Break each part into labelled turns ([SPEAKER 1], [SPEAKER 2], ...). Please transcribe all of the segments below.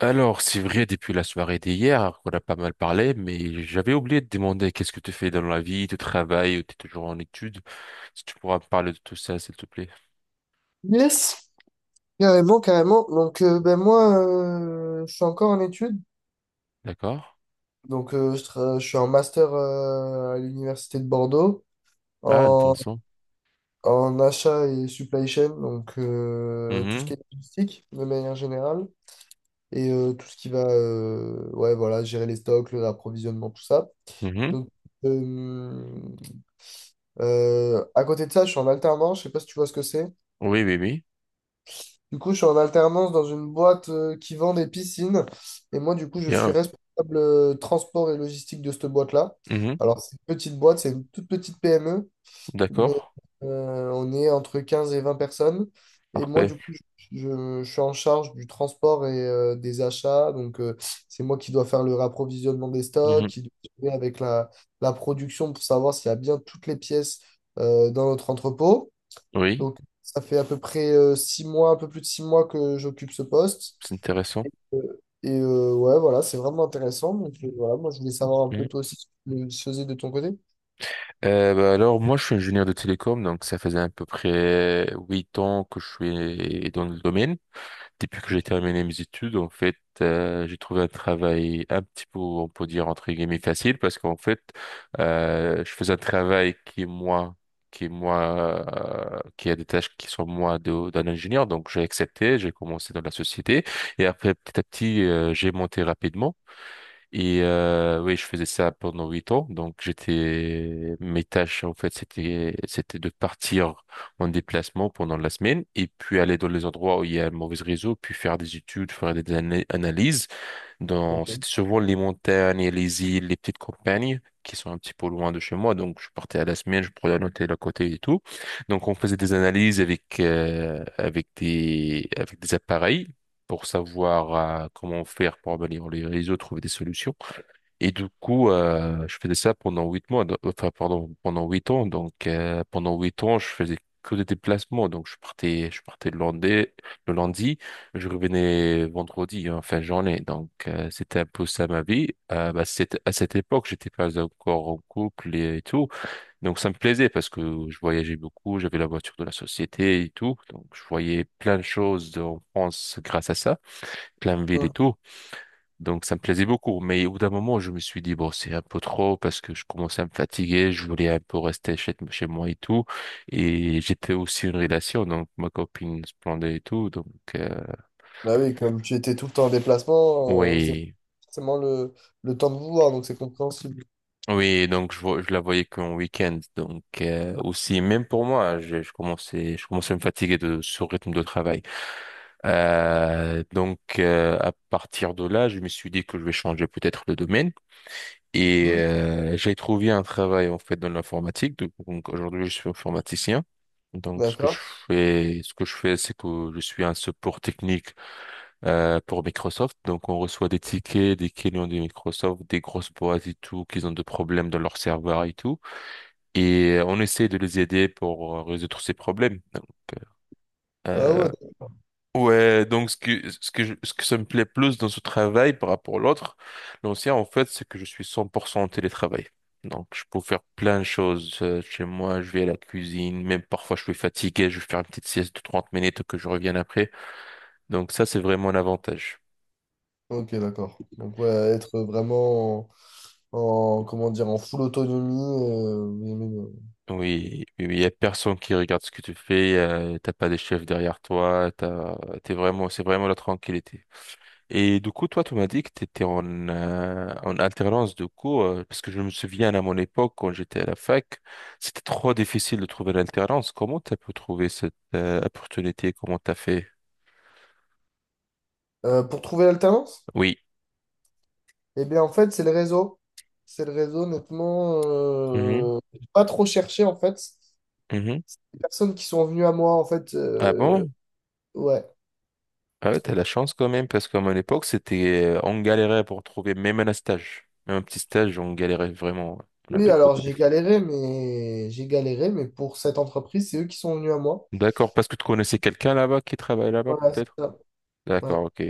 [SPEAKER 1] Alors, c'est vrai, depuis la soirée d'hier, on a pas mal parlé, mais j'avais oublié de demander qu'est-ce que tu fais dans la vie, tu travailles ou tu es toujours en études. Si tu pourras me parler de tout ça, s'il te plaît.
[SPEAKER 2] Yes, carrément, carrément. Donc, ben moi, je suis encore en études.
[SPEAKER 1] D'accord?
[SPEAKER 2] Donc, je suis en master à l'université de Bordeaux
[SPEAKER 1] Ah,
[SPEAKER 2] en,
[SPEAKER 1] intéressant.
[SPEAKER 2] en achat et supply chain, donc tout ce qui
[SPEAKER 1] Mhm,
[SPEAKER 2] est logistique de manière générale et tout ce qui va, ouais, voilà, gérer les stocks, l'approvisionnement, tout ça.
[SPEAKER 1] mhm.
[SPEAKER 2] Donc, euh, à côté de ça, je suis en alternance. Je sais pas si tu vois ce que c'est.
[SPEAKER 1] Oui, oui, oui.
[SPEAKER 2] Du coup, je suis en alternance dans une boîte qui vend des piscines. Et moi, du coup, je suis
[SPEAKER 1] Bien.
[SPEAKER 2] responsable transport et logistique de cette boîte-là.
[SPEAKER 1] Mhm.
[SPEAKER 2] Alors, c'est une petite boîte, c'est une toute petite PME,
[SPEAKER 1] D'accord.
[SPEAKER 2] mais on est entre 15 et 20 personnes. Et moi,
[SPEAKER 1] Parfait.
[SPEAKER 2] du coup, je suis en charge du transport et des achats. Donc, c'est moi qui dois faire le rapprovisionnement des stocks,
[SPEAKER 1] Mhm.
[SPEAKER 2] qui dois gérer avec la production pour savoir s'il y a bien toutes les pièces dans notre entrepôt.
[SPEAKER 1] Oui,
[SPEAKER 2] Donc, ça fait à peu près 6 mois, un peu plus de 6 mois que j'occupe ce poste.
[SPEAKER 1] c'est intéressant.
[SPEAKER 2] Ouais, voilà, c'est vraiment intéressant. Donc, voilà, moi, je voulais savoir un peu
[SPEAKER 1] Mhm.
[SPEAKER 2] toi aussi ce que tu faisais de ton côté.
[SPEAKER 1] Bah alors, moi, je suis ingénieur de télécom, donc ça faisait à peu près 8 ans que je suis dans le domaine. Depuis que j'ai terminé mes études, en fait, j'ai trouvé un travail un petit peu, on peut dire, entre guillemets, facile parce qu'en fait, je faisais un travail qui est moins, qui a des tâches qui sont moins d'un ingénieur. Donc, j'ai accepté, j'ai commencé dans la société et après, petit à petit, j'ai monté rapidement. Et oui, je faisais ça pendant 8 ans. Donc j'étais mes tâches, en fait, c'était de partir en déplacement pendant la semaine et puis aller dans les endroits où il y a un mauvais réseau, puis faire des études, faire des analyses. Dans
[SPEAKER 2] Ok.
[SPEAKER 1] c'était souvent les montagnes, et les îles, les petites campagnes qui sont un petit peu loin de chez moi. Donc je partais à la semaine, je prenais un hôtel à côté et tout. Donc on faisait des analyses avec des appareils. Pour savoir, comment faire pour améliorer les réseaux, trouver des solutions. Et du coup, je faisais ça pendant 8 mois, enfin, pardon, pendant 8 ans. Donc, pendant 8 ans, je faisais que des déplacements. Donc, je partais le lundi, je revenais vendredi, en fin de journée. Donc, c'était un peu ça ma vie. Bah, c'était, à cette époque, j'étais pas encore en couple et, tout. Donc, ça me plaisait parce que je voyageais beaucoup, j'avais la voiture de la société et tout. Donc, je voyais plein de choses en France grâce à ça, plein de villes et
[SPEAKER 2] Hum.
[SPEAKER 1] tout. Donc ça me plaisait beaucoup. Mais au bout d'un moment, je me suis dit, bon, c'est un peu trop parce que je commençais à me fatiguer, je voulais un peu rester chez moi et tout. Et j'étais aussi une relation, donc ma copine se plaignait et tout. Donc, euh,
[SPEAKER 2] Bah oui, comme tu étais tout le temps en déplacement, vous avez
[SPEAKER 1] oui.
[SPEAKER 2] forcément le temps de vous voir, donc c'est compréhensible.
[SPEAKER 1] Oui, donc je la voyais qu'en week-end. Donc, aussi, même pour moi, je commençais à me fatiguer de ce rythme de travail. Donc, à partir de là, je me suis dit que je vais changer peut-être le domaine. Et
[SPEAKER 2] Hum.
[SPEAKER 1] j'ai trouvé un travail, en fait, dans l'informatique. Donc, aujourd'hui, je suis informaticien. Donc ce que je
[SPEAKER 2] D'accord.
[SPEAKER 1] fais, ce que je fais, c'est que je suis un support technique, pour Microsoft. Donc on reçoit des tickets des clients de Microsoft, des grosses boîtes et tout, qui ont des problèmes dans leur serveur et tout. Et on essaie de les aider pour, résoudre ces problèmes.
[SPEAKER 2] Ah
[SPEAKER 1] Euh,
[SPEAKER 2] ouais,
[SPEAKER 1] Ouais, donc ce que ça me plaît plus dans ce travail par rapport à l'autre, l'ancien, en fait, c'est que je suis 100% en télétravail. Donc je peux faire plein de choses, chez moi, je vais à la cuisine, même parfois je suis fatigué, je vais faire une petite sieste de 30 minutes que je revienne après. Donc ça, c'est vraiment un avantage.
[SPEAKER 2] ok, d'accord. Donc, ouais, être vraiment comment dire, en full autonomie.
[SPEAKER 1] Oui, oui, oui, il y a personne qui regarde ce que tu fais, t'as pas des chefs derrière toi, t'es vraiment, c'est vraiment la tranquillité. Et du coup, toi, tu m'as dit que tu étais en alternance de cours, parce que je me souviens à mon époque, quand j'étais à la fac, c'était trop difficile de trouver l'alternance. Comment tu as pu trouver cette, opportunité? Comment tu as fait?
[SPEAKER 2] Pour trouver l'alternance?
[SPEAKER 1] Oui.
[SPEAKER 2] Eh bien, en fait, c'est le réseau. C'est le réseau, honnêtement.
[SPEAKER 1] Mhm,
[SPEAKER 2] J'ai pas trop cherché, en fait.
[SPEAKER 1] mhm.
[SPEAKER 2] Les personnes qui sont venues à moi, en fait.
[SPEAKER 1] Ah bon?
[SPEAKER 2] Ouais.
[SPEAKER 1] Ah ouais, t'as la chance quand même, parce qu'à mon époque, c'était, on galérait pour trouver même un stage. Même un petit stage, on galérait vraiment. On
[SPEAKER 2] Oui,
[SPEAKER 1] avait
[SPEAKER 2] alors
[SPEAKER 1] beaucoup de difficultés.
[SPEAKER 2] j'ai galéré, mais pour cette entreprise, c'est eux qui sont venus à moi.
[SPEAKER 1] D'accord, parce que tu connaissais quelqu'un là-bas qui travaille là-bas,
[SPEAKER 2] Voilà, c'est
[SPEAKER 1] peut-être?
[SPEAKER 2] ça. Ouais.
[SPEAKER 1] D'accord, ok.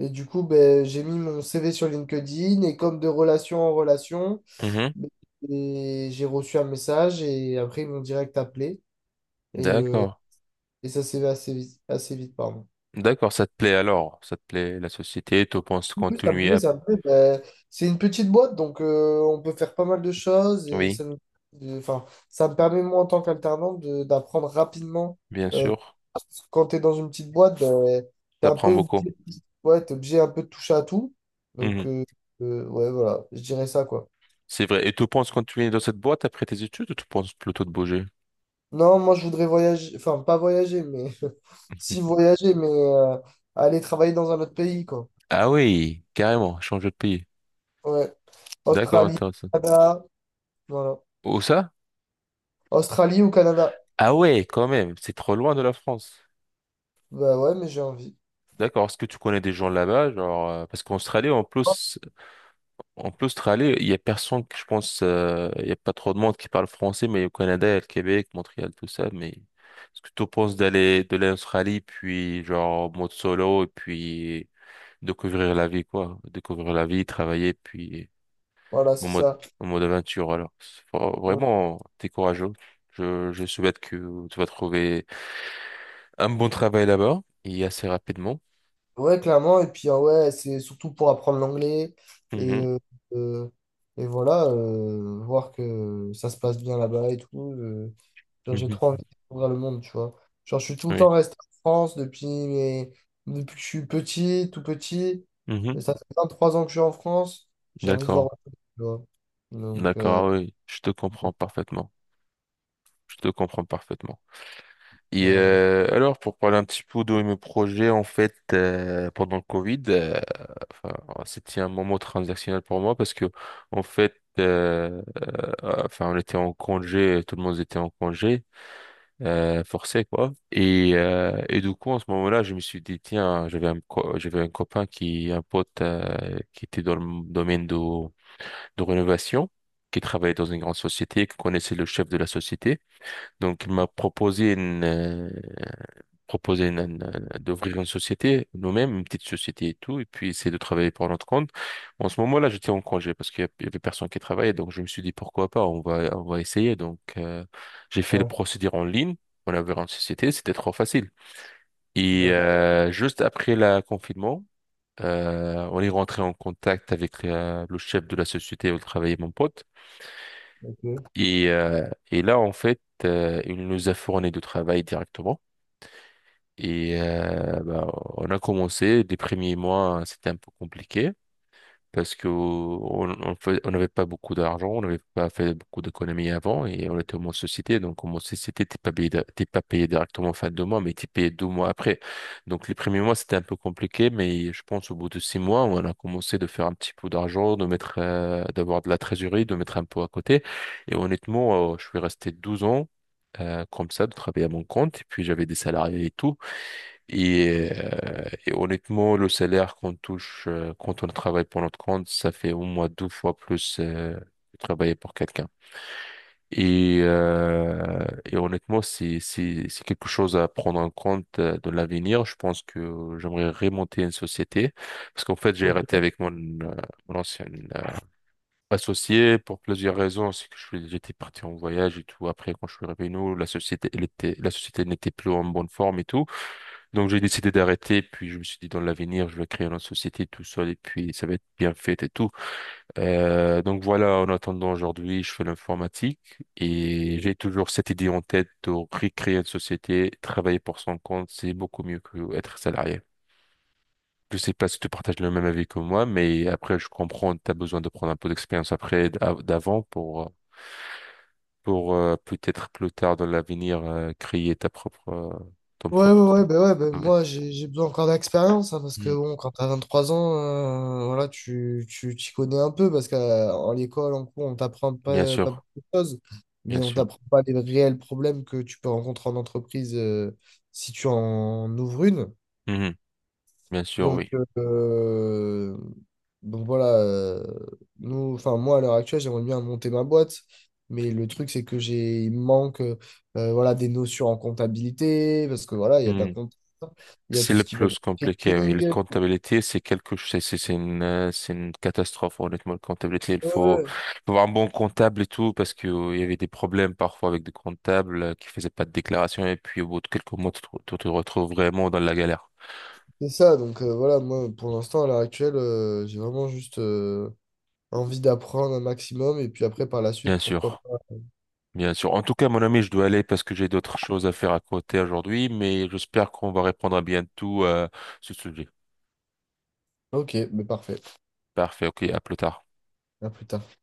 [SPEAKER 2] Et du coup, ben, j'ai mis mon CV sur LinkedIn et comme de relation en relation,
[SPEAKER 1] Mhm.
[SPEAKER 2] ben, et j'ai reçu un message et après ils m'ont direct appelé. Et, euh,
[SPEAKER 1] D'accord.
[SPEAKER 2] et ça s'est fait assez vite, pardon.
[SPEAKER 1] D'accord, ça te plaît alors, ça te plaît la société, tu penses
[SPEAKER 2] Oui, ça me
[SPEAKER 1] continuer
[SPEAKER 2] plaît,
[SPEAKER 1] à...
[SPEAKER 2] ça me plaît. Ben, c'est une petite boîte, donc on peut faire pas mal de choses et
[SPEAKER 1] Oui,
[SPEAKER 2] enfin, ça me permet, moi, en tant qu'alternant, d'apprendre rapidement.
[SPEAKER 1] bien
[SPEAKER 2] Euh,
[SPEAKER 1] sûr,
[SPEAKER 2] Parce que quand tu es dans une petite boîte, ben, t'es un peu
[SPEAKER 1] t'apprends beaucoup.
[SPEAKER 2] obligé, ouais, t'es obligé un peu de toucher à tout. Donc,
[SPEAKER 1] Mhm.
[SPEAKER 2] ouais, voilà, je dirais ça, quoi.
[SPEAKER 1] C'est vrai. Et tu penses continuer dans cette boîte après tes études ou tu penses plutôt de bouger?
[SPEAKER 2] Non, moi, je voudrais voyager, enfin, pas voyager, mais si voyager, mais aller travailler dans un autre pays, quoi.
[SPEAKER 1] Ah oui, carrément, changer de pays.
[SPEAKER 2] Ouais,
[SPEAKER 1] D'accord,
[SPEAKER 2] Australie,
[SPEAKER 1] intéressant.
[SPEAKER 2] Canada, voilà.
[SPEAKER 1] Où ça?
[SPEAKER 2] Australie ou Canada?
[SPEAKER 1] Ah ouais, quand même, c'est trop loin de la France.
[SPEAKER 2] Bah ouais, mais j'ai envie.
[SPEAKER 1] D'accord, est-ce que tu connais des gens là-bas, genre, parce qu'en Australie, en plus, en plus, Australie, il y a personne que je pense, il y a pas trop de monde qui parle français, mais au Canada, il y a le Québec, Montréal, tout ça. Mais est-ce que tu penses d'aller de l'Australie, puis genre en mode solo, et puis découvrir la vie, quoi, découvrir la vie, travailler, puis
[SPEAKER 2] Voilà,
[SPEAKER 1] en
[SPEAKER 2] c'est
[SPEAKER 1] mode
[SPEAKER 2] ça.
[SPEAKER 1] en mode aventure. Alors,
[SPEAKER 2] Donc,
[SPEAKER 1] vraiment, t'es courageux. Je souhaite que tu vas trouver un bon travail là-bas et assez rapidement.
[SPEAKER 2] ouais, clairement. Et puis, ouais, c'est surtout pour apprendre l'anglais. Et,
[SPEAKER 1] Mhm,
[SPEAKER 2] euh, euh, et voilà, voir que ça se passe bien là-bas et tout. Genre, j'ai
[SPEAKER 1] mhm,
[SPEAKER 2] trop envie de découvrir le monde, tu vois. Genre, je suis tout le
[SPEAKER 1] oui,
[SPEAKER 2] temps resté en France depuis que je suis petit, tout petit.
[SPEAKER 1] mhm,
[SPEAKER 2] Et ça fait 23 ans que je suis en France. J'ai envie de voir
[SPEAKER 1] d'accord,
[SPEAKER 2] autre chose, tu vois. Donc, euh,
[SPEAKER 1] d'accord, oui, je te comprends
[SPEAKER 2] donc,
[SPEAKER 1] parfaitement. Je te comprends parfaitement. Et
[SPEAKER 2] voilà.
[SPEAKER 1] alors, pour parler un petit peu de mes projets, en fait, pendant le Covid, enfin, c'était un moment transactionnel pour moi parce que, en fait, enfin, on était en congé, tout le monde était en congé, forcé, quoi. Et du coup, en ce moment-là, je me suis dit, tiens, j'avais un copain qui, un pote, qui était dans le domaine de rénovation, qui travaillait dans une grande société, qui connaissait le chef de la société. Donc, il m'a proposé une- d'ouvrir une société, nous-mêmes, une petite société et tout, et puis essayer de travailler pour notre compte. Bon, en ce moment-là, j'étais en congé parce qu'il y avait personne qui travaillait, donc je me suis dit pourquoi pas, on va essayer. Donc, j'ai fait le
[SPEAKER 2] Ouais.
[SPEAKER 1] procédure en ligne, on avait une société, c'était trop facile. Et
[SPEAKER 2] Ouais.
[SPEAKER 1] juste après le confinement, on est rentré en contact avec, le chef de la société où travaillait mon pote. Et là, en fait, il nous a fourni du travail directement. Et bah, on a commencé, les premiers mois, c'était un peu compliqué parce que on n'avait pas beaucoup d'argent, on n'avait pas fait beaucoup d'économies avant et on était en société. Donc, en société, t'es pas payé, t'es pas payé directement fin de mois, mais t'es payé 2 mois après. Donc, les premiers mois, c'était un peu compliqué, mais je pense au bout de 6 mois, on a commencé de faire un petit peu d'argent, de mettre, d'avoir de la trésorerie, de mettre un peu à côté. Et honnêtement, je suis resté 12 ans, comme ça, de travailler à mon compte, et puis j'avais des salariés et tout. Et honnêtement, le salaire qu'on touche, quand on travaille pour notre compte, ça fait au moins deux fois plus, que travailler pour quelqu'un. Et honnêtement, c'est quelque chose à prendre en compte, dans l'avenir. Je pense que j'aimerais remonter une société parce qu'en fait, j'ai arrêté
[SPEAKER 2] Ok.
[SPEAKER 1] avec mon ancien, euh, associé pour plusieurs raisons. C'est que j'étais parti en voyage et tout. Après, quand je suis revenu, la société, n'était plus en bonne forme et tout. Donc j'ai décidé d'arrêter, puis je me suis dit dans l'avenir, je vais créer une société tout seul et puis ça va être bien fait et tout. Donc voilà, en attendant aujourd'hui, je fais l'informatique et j'ai toujours cette idée en tête de recréer une société, travailler pour son compte, c'est beaucoup mieux que être salarié. Je sais pas si tu partages le même avis que moi, mais après je comprends, tu as besoin de prendre un peu d'expérience après d'avant pour peut-être plus tard dans l'avenir, créer ta propre ton
[SPEAKER 2] Ouais,
[SPEAKER 1] propre.
[SPEAKER 2] ouais, ouais, bah
[SPEAKER 1] Ah ouais.
[SPEAKER 2] moi j'ai besoin encore d'expérience, hein, parce que
[SPEAKER 1] Mm.
[SPEAKER 2] bon, quand t'as 23 ans, voilà, tu t'y connais un peu, parce qu'en l'école, en cours, on t'apprend
[SPEAKER 1] Bien
[SPEAKER 2] pas, pas
[SPEAKER 1] sûr,
[SPEAKER 2] beaucoup de choses,
[SPEAKER 1] bien
[SPEAKER 2] mais on
[SPEAKER 1] sûr.
[SPEAKER 2] t'apprend pas les réels problèmes que tu peux rencontrer en entreprise si tu en ouvres une.
[SPEAKER 1] Mhm. Bien sûr,
[SPEAKER 2] Donc,
[SPEAKER 1] oui.
[SPEAKER 2] euh, donc voilà, nous, enfin moi à l'heure actuelle, j'aimerais bien monter ma boîte, mais le truc c'est que j'ai, il me manque voilà, des notions en comptabilité, parce que voilà, il y a de la
[SPEAKER 1] Mhm.
[SPEAKER 2] compta, il y a
[SPEAKER 1] C'est
[SPEAKER 2] tout
[SPEAKER 1] le
[SPEAKER 2] ce qui va être
[SPEAKER 1] plus compliqué, oui. La
[SPEAKER 2] marketing. Ouais,
[SPEAKER 1] comptabilité, c'est quelque chose, c'est une catastrophe, honnêtement. La comptabilité, il faut,
[SPEAKER 2] ouais,
[SPEAKER 1] faut avoir un bon comptable et tout, parce que, il y avait des problèmes parfois avec des comptables, qui faisaient pas de déclaration, et puis au bout de quelques mois, tu te retrouves vraiment dans la galère.
[SPEAKER 2] c'est ça, donc voilà, moi pour l'instant à l'heure actuelle, j'ai vraiment juste envie d'apprendre un maximum, et puis après par la
[SPEAKER 1] Bien
[SPEAKER 2] suite, pourquoi
[SPEAKER 1] sûr,
[SPEAKER 2] pas.
[SPEAKER 1] bien sûr. En tout cas, mon ami, je dois aller parce que j'ai d'autres choses à faire à côté aujourd'hui, mais j'espère qu'on va répondre à bientôt, ce sujet.
[SPEAKER 2] Ok, mais parfait,
[SPEAKER 1] Parfait, ok, à plus tard.
[SPEAKER 2] à plus tard.